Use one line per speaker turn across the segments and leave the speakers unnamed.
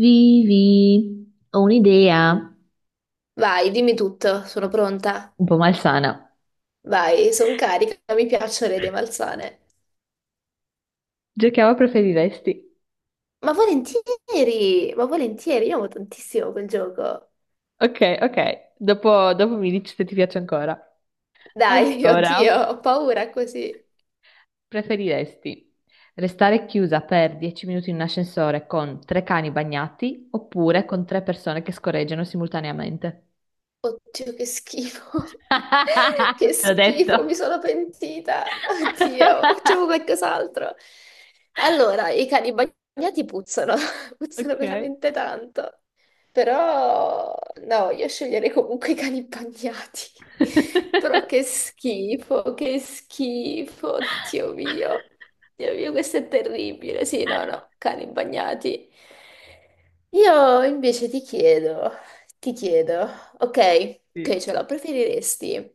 Vivi, ho un'idea
Vai, dimmi tutto, sono pronta.
un po' malsana.
Vai, sono carica, mi piacciono le idee malsane.
Giochiamo a preferiresti.
Ma volentieri, io amo tantissimo quel gioco.
Ok, ok. Dopo mi dici se ti piace ancora.
Dai, oddio,
Allora,
ho paura così.
preferiresti restare chiusa per 10 minuti in un ascensore con tre cani bagnati oppure con tre persone che scorreggiano simultaneamente?
Oddio, che schifo. Che
Te l'ho
schifo,
detto.
mi sono pentita. Oddio, facciamo qualcos'altro. Allora, i cani bagnati puzzano, puzzano
Ok.
veramente tanto. Però, no, io sceglierei comunque i cani bagnati. Però che schifo, oddio mio. Dio mio, questo è terribile. Sì, no, no, cani bagnati. Io invece ti chiedo, ti chiedo. Ok,
Sì.
ok, ce la preferiresti?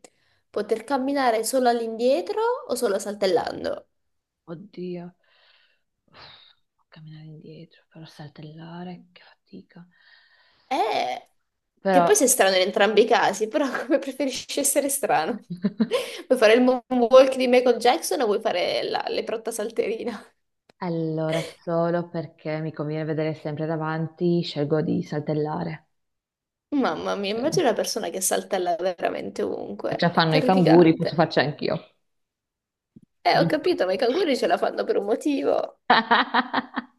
Poter camminare solo all'indietro o solo saltellando?
Oddio, Uff, camminare indietro, però saltellare, che fatica.
Eh, che
Però,
poi sei strano in entrambi i casi, però come preferisci essere strano? Vuoi fare il moonwalk di Michael Jackson o vuoi fare la leprotta salterina?
allora, solo perché mi conviene vedere sempre davanti, scelgo di saltellare.
Mamma mia,
Se
immagina una persona che saltella veramente ovunque.
già
È
fanno i canguri, posso
terrificante.
farci anch'io,
Ho
giusto?
capito, ma i canguri ce la fanno per un motivo.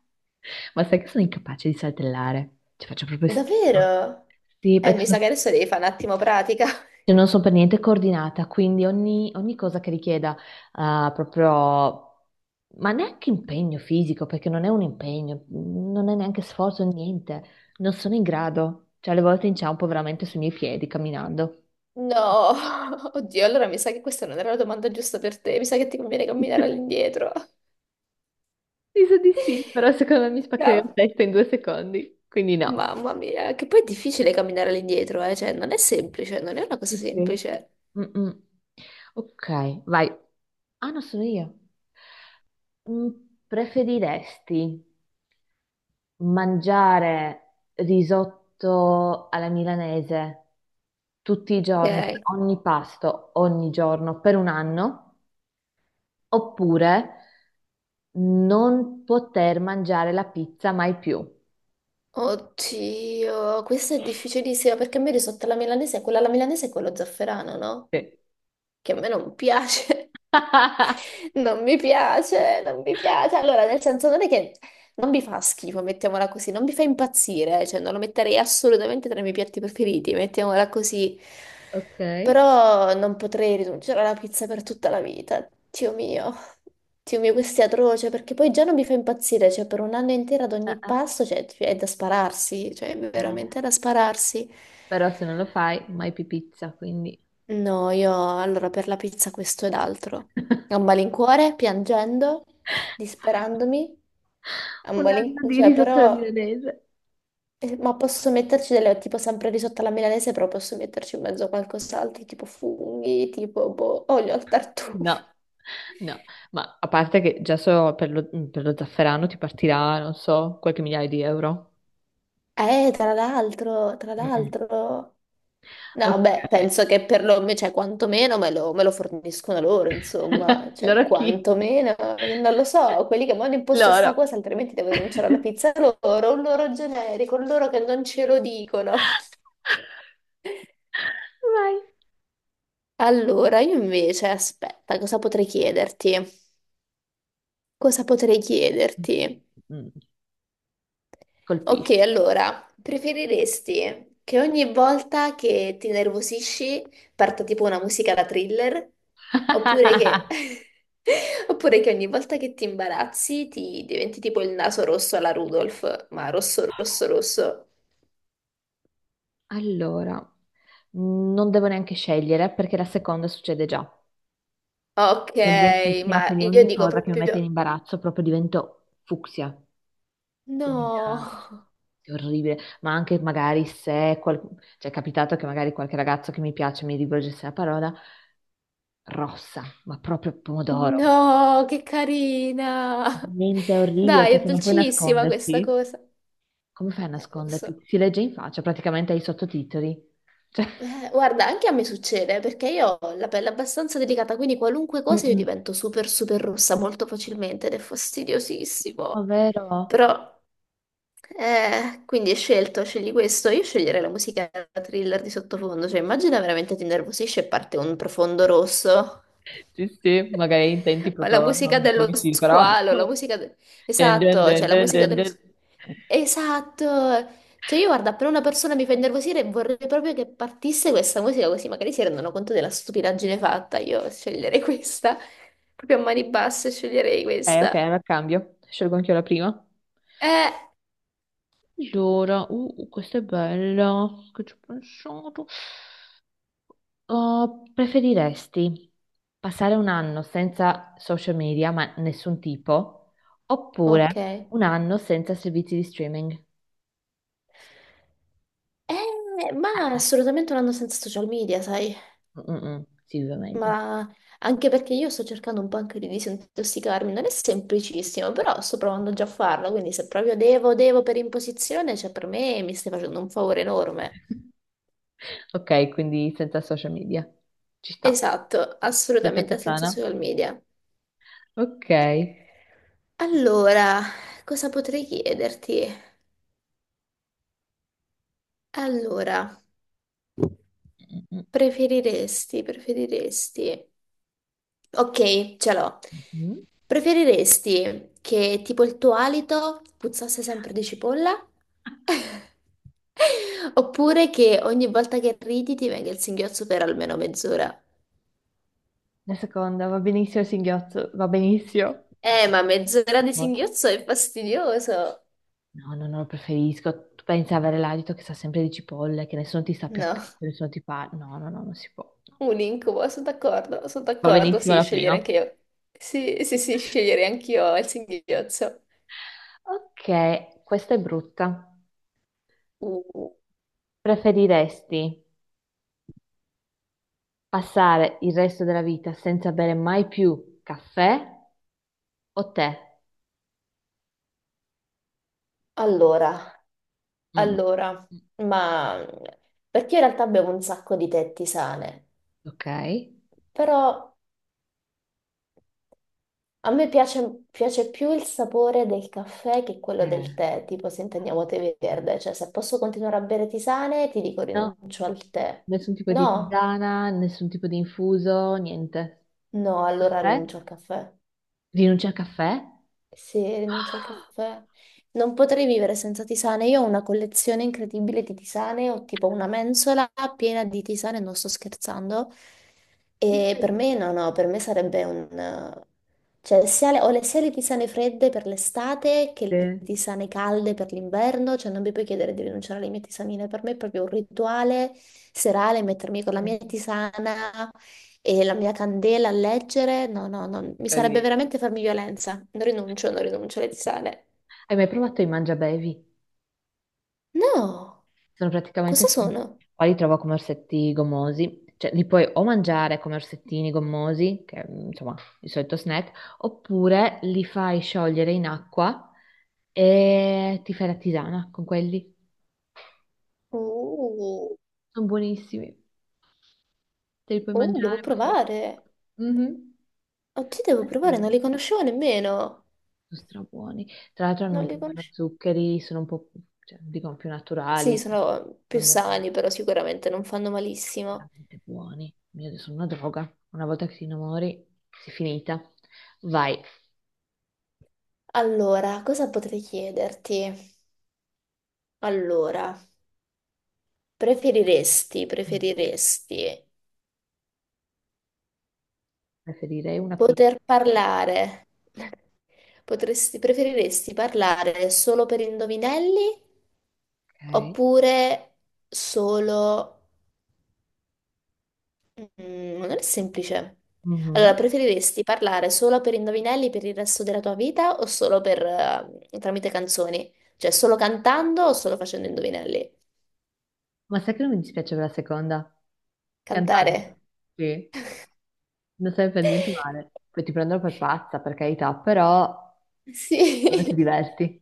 Ma sai che sono incapace di saltellare? Ci faccio proprio schifo.
Davvero?
Sì, perché
Mi sa che
sono.
adesso devi fare un attimo pratica.
Cioè, non sono per niente coordinata, quindi ogni cosa che richieda, ah, proprio, ma neanche impegno fisico, perché non è un impegno, non è neanche sforzo, niente, non sono in grado. Cioè, alle volte inciampo veramente sui miei piedi camminando.
No, oddio, allora mi sa che questa non era la domanda giusta per te, mi sa che ti conviene camminare all'indietro.
Mi sa di sì, però secondo me mi spaccherei
Ca-
la testa in 2 secondi, quindi no.
Mamma mia, che poi è difficile camminare all'indietro, eh? Cioè non è semplice, non è una cosa
Sì, sì.
semplice.
Mm-mm. Ok, vai. Ah, no, sono io. Mm, Preferiresti mangiare risotto alla milanese tutti i giorni, per
Ok.
ogni pasto, ogni giorno, per un anno, oppure non poter mangiare la pizza mai più.
Oddio, questa è difficilissima perché a me risotto alla milanese, quella alla milanese è quello zafferano, no?
Sì.
Che a me non piace. Non mi piace, non mi piace. Allora, nel senso non è che non mi fa schifo, mettiamola così, non mi fa impazzire, cioè non lo metterei assolutamente tra i miei piatti preferiti, mettiamola così.
Ok.
Però non potrei rinunciare alla pizza per tutta la vita. Dio mio, questo è atroce, perché poi già non mi fa impazzire, cioè per un anno intero ad
Eh,
ogni pasto, cioè, è da spararsi, cioè è veramente
eh.
da spararsi.
Però se non lo fai, mai più pizza, quindi
No, io allora per la pizza questo ed altro. A
un
malincuore, piangendo, disperandomi, a
anno
malincuore,
di
cioè
risotto alla
però,
milanese.
ma posso metterci delle, tipo sempre risotto alla milanese, però posso metterci in mezzo a qualcos'altro, tipo funghi, tipo boh, olio al
No,
tartufo.
no, ma a parte che già so per lo zafferano ti partirà, non so, qualche migliaio di euro.
Tra l'altro, tra
Mm-mm.
l'altro. No,
Ok.
beh, penso che cioè, quantomeno me lo forniscono loro, insomma, cioè,
Loro chi?
quantomeno, non lo so, quelli che mi hanno imposto sta
Loro.
cosa, altrimenti devo denunciare la pizza loro, un loro generico, un loro che non ce lo dicono.
Vai.
Allora, io invece, aspetta, cosa potrei chiederti? Cosa potrei chiederti?
Mm.
Ok,
Colpisci.
allora, preferiresti che ogni volta che ti nervosisci parta tipo una musica da thriller? Oppure che, Oppure che ogni volta che ti imbarazzi ti diventi tipo il naso rosso alla Rudolph, ma rosso, rosso, rosso.
Allora, non devo neanche scegliere perché la seconda succede già.
Ok,
Sono bianchissima,
ma
quindi
io
ogni
dico
cosa che mi mette in
proprio
imbarazzo proprio divento fucsia. Quindi
no,
era È orribile, ma anche magari se qual-, cioè, è capitato che magari qualche ragazzo che mi piace mi rivolgesse la parola rossa, ma proprio pomodoro.
no, che carina.
Niente, è orribile
Dai, è
perché non puoi
dolcissima questa
nasconderti.
cosa.
Come fai a
Lo so.
nasconderti? Si legge in faccia, praticamente hai i sottotitoli. Cioè,
Guarda, anche a me succede perché io ho la pelle abbastanza delicata, quindi qualunque cosa io
mm-mm,
divento super super rossa molto facilmente ed è fastidiosissimo.
ovvero?
Però, quindi scegli questo. Io sceglierei la musica thriller di sottofondo, cioè immagina veramente ti innervosisce e parte un profondo rosso.
Sì, sì, magari intenti
Ma la
proprio
musica
non
dello
come sì, però.
squalo, la musica... de-
Dun, dun,
Esatto,
dun,
cioè la
dun,
musica
dun,
dello
dun.
squalo. Esatto, cioè io guarda, appena una persona mi fa innervosire vorrei proprio che partisse questa musica così magari si rendono conto della stupidaggine fatta, io sceglierei questa, proprio a mani basse sceglierei
Ok,
questa.
allora cambio. Scelgo anch'io la prima.
Eh,
Allora, questa è bella, che ci ho pensato. Preferiresti passare un anno senza social media, ma nessun tipo, oppure
ok, eh,
un anno senza servizi di streaming? Ah,
ma
ah,
assolutamente non andando senza social media, sai,
si vive meglio.
ma anche perché io sto cercando un po' anche di disintossicarmi, non è semplicissimo, però sto provando già a farlo, quindi se proprio devo, per imposizione, cioè per me mi stai facendo un favore enorme.
Ok, quindi senza social media. Ci sta,
Esatto,
senza più
assolutamente senza
sana.
social media.
Ok.
Allora, cosa potrei chiederti? Allora,
Mm, mm,
preferiresti. Ok, ce l'ho.
mm. Mm.
Preferiresti che tipo il tuo alito puzzasse sempre di cipolla? Oppure che ogni volta che ridi ti venga il singhiozzo per almeno mezz'ora?
La seconda va benissimo, il singhiozzo, va benissimo.
Ma mezz'ora di
No.
singhiozzo è fastidioso.
No, no, no, lo preferisco. Tu pensi a avere l'alito che sa sempre di cipolle, che nessuno ti sta più
No.
accanto, nessuno ti fa... No, no, no, non si può.
Un incubo, sono
Va
d'accordo,
benissimo
sì,
la
scegliere
prima.
anche io. Sì, sì, sì, sceglierei anch'io il singhiozzo.
Ok, questa è brutta.
Uh,
Preferiresti passare il resto della vita senza bere mai più caffè o tè?
allora,
Mm.
allora, ma perché io in realtà bevo un sacco di tè tisane,
Ok.
però a me piace più il sapore del caffè che quello del tè, tipo se intendiamo tè verde, cioè se posso continuare a bere tisane ti dico
No,
rinuncio al tè.
nessun tipo di
No?
tisana, nessun tipo di infuso, niente.
No, allora
Caffè?
rinuncio al caffè.
Rinuncia al caffè?
Se rinuncio al caffè, non potrei vivere senza tisane. Io ho una collezione incredibile di tisane, ho tipo una mensola piena di tisane, non sto scherzando. E per me no,
Incredibile.
no, per me sarebbe un. Cioè, sia le tisane fredde per l'estate che le tisane calde per l'inverno, cioè non mi puoi chiedere di rinunciare alle mie tisanine, per me è proprio un rituale serale mettermi con la
Eh,
mia tisana, e la mia candela a leggere, no, no, no,
Che
mi sarebbe
carino.
veramente farmi violenza. Non rinuncio, non rinuncio alle tisane.
Hai mai provato i mangiabevi?
No,
Sono praticamente,
cosa
sti-,
sono?
qua li trovo come orsetti gommosi, cioè li puoi o mangiare come orsettini gommosi, che è, insomma, il solito snack, oppure li fai sciogliere in acqua e ti fai la tisana con quelli.
Oh,
Sono buonissimi, te li puoi
oh, devo
mangiare, puoi fare tutto.
provare.
Mhm.
Oggi devo provare, non
Mm.
li conoscevo nemmeno.
Sono strabuoni. Tra l'altro hanno un
Non
po'
li
meno
conoscevo.
zuccheri, sono un po', più-, cioè, dicono più
Sì,
naturali,
sono più
non usano,
sani, però sicuramente non fanno malissimo.
veramente buoni. Mio Dio, sono una droga. Una volta che ti innamori, sei finita. Vai.
Allora, cosa potrei chiederti? Allora, preferiresti,
Mm.
preferiresti
Preferirei una pizza.
poter parlare? Preferiresti parlare solo per indovinelli
Ok.
oppure solo. Non è semplice.
Mhm.
Allora, preferiresti parlare solo per indovinelli per il resto della tua vita o solo per, tramite canzoni? Cioè, solo cantando o solo facendo indovinelli?
Ma sai che non mi dispiace per la seconda?
Cantare.
Cantante. Sì. Non sai per niente male. Poi ti prendono per pazza, per carità, però
Sì.
come ti diverti.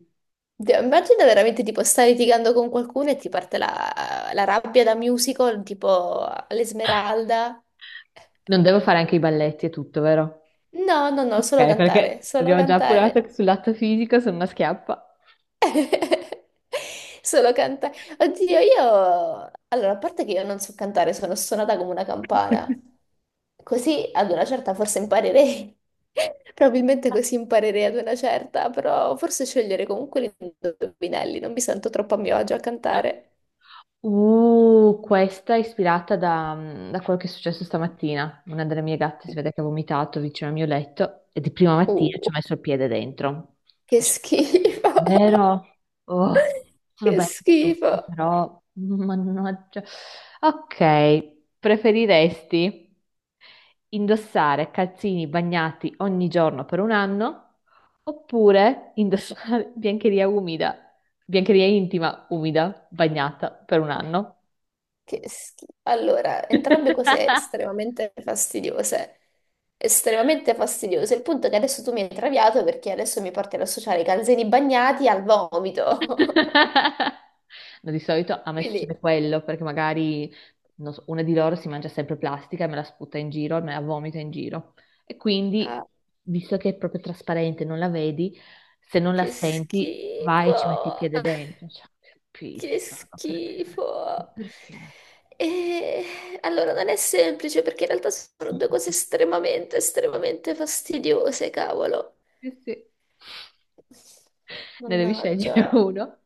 Dio, immagina veramente tipo stai litigando con qualcuno e ti parte la rabbia da musical, tipo all'Esmeralda.
Non devo fare anche i balletti e tutto, vero?
No, no, no, solo
Ok,
cantare,
perché
solo
abbiamo già appurato
cantare.
che sul lato fisico sono una schiappa.
Solo cantare. Oddio. Allora, a parte che io non so cantare, sono suonata come una campana. Così ad una certa forse imparerei. Probabilmente così imparerei ad una certa, però forse scegliere comunque gli indovinelli, non mi sento troppo a mio agio a cantare.
Questa è ispirata da, da quello che è successo stamattina. Una delle mie gatte si vede che ha vomitato vicino al mio letto e di prima mattina ci
Uh,
ho messo il piede dentro.
che
Lascia-,
schifo.
vero? Oh, sono
Che
belle e
schifo.
tutto, però mannaggia. Ok, preferiresti indossare calzini bagnati ogni giorno per un anno oppure indossare biancheria umida? Biancheria intima, umida, bagnata per un anno.
Allora, entrambe cose estremamente fastidiose. Estremamente fastidiose. Il punto è che adesso tu mi hai traviato perché adesso mi porti ad associare i calzini bagnati al vomito.
No, di solito a me succede
Quindi,
quello, perché magari non so, una di loro si mangia sempre plastica e me la sputa in giro, me la vomita in giro. E quindi,
ah,
visto che è proprio trasparente, non la vedi, se non la
che
senti, vai e ci metti il
schifo!
piede dentro. Cioè, che
Che
pizza, ma perché? Ma
schifo!
perché?
E allora non è semplice perché in realtà sono due cose estremamente, estremamente fastidiose, cavolo.
Sì, sì. Ne devi scegliere
Mannaggia.
uno.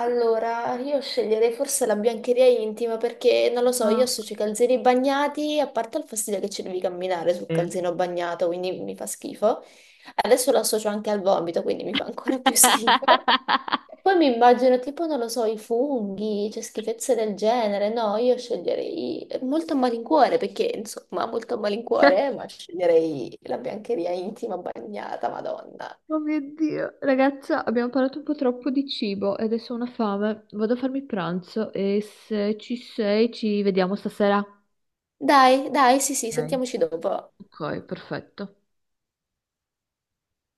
Allora, io sceglierei forse la biancheria intima perché, non lo so, io
Ah.
associo i calzini bagnati, a parte il fastidio che ci devi camminare sul
Eh.
calzino bagnato, quindi mi fa schifo. Adesso lo associo anche al vomito, quindi mi fa ancora più schifo. E poi mi immagino tipo, non lo so, i funghi, cioè schifezze del genere. No, io sceglierei molto a malincuore perché, insomma, molto a malincuore, ma sceglierei la biancheria intima bagnata, Madonna.
Oh mio Dio, ragazza, abbiamo parlato un po' troppo di cibo e adesso ho una fame. Vado a farmi pranzo e se ci sei ci vediamo stasera.
Dai, dai, sì, sì,
Ok.
sentiamoci dopo.
Ok, perfetto.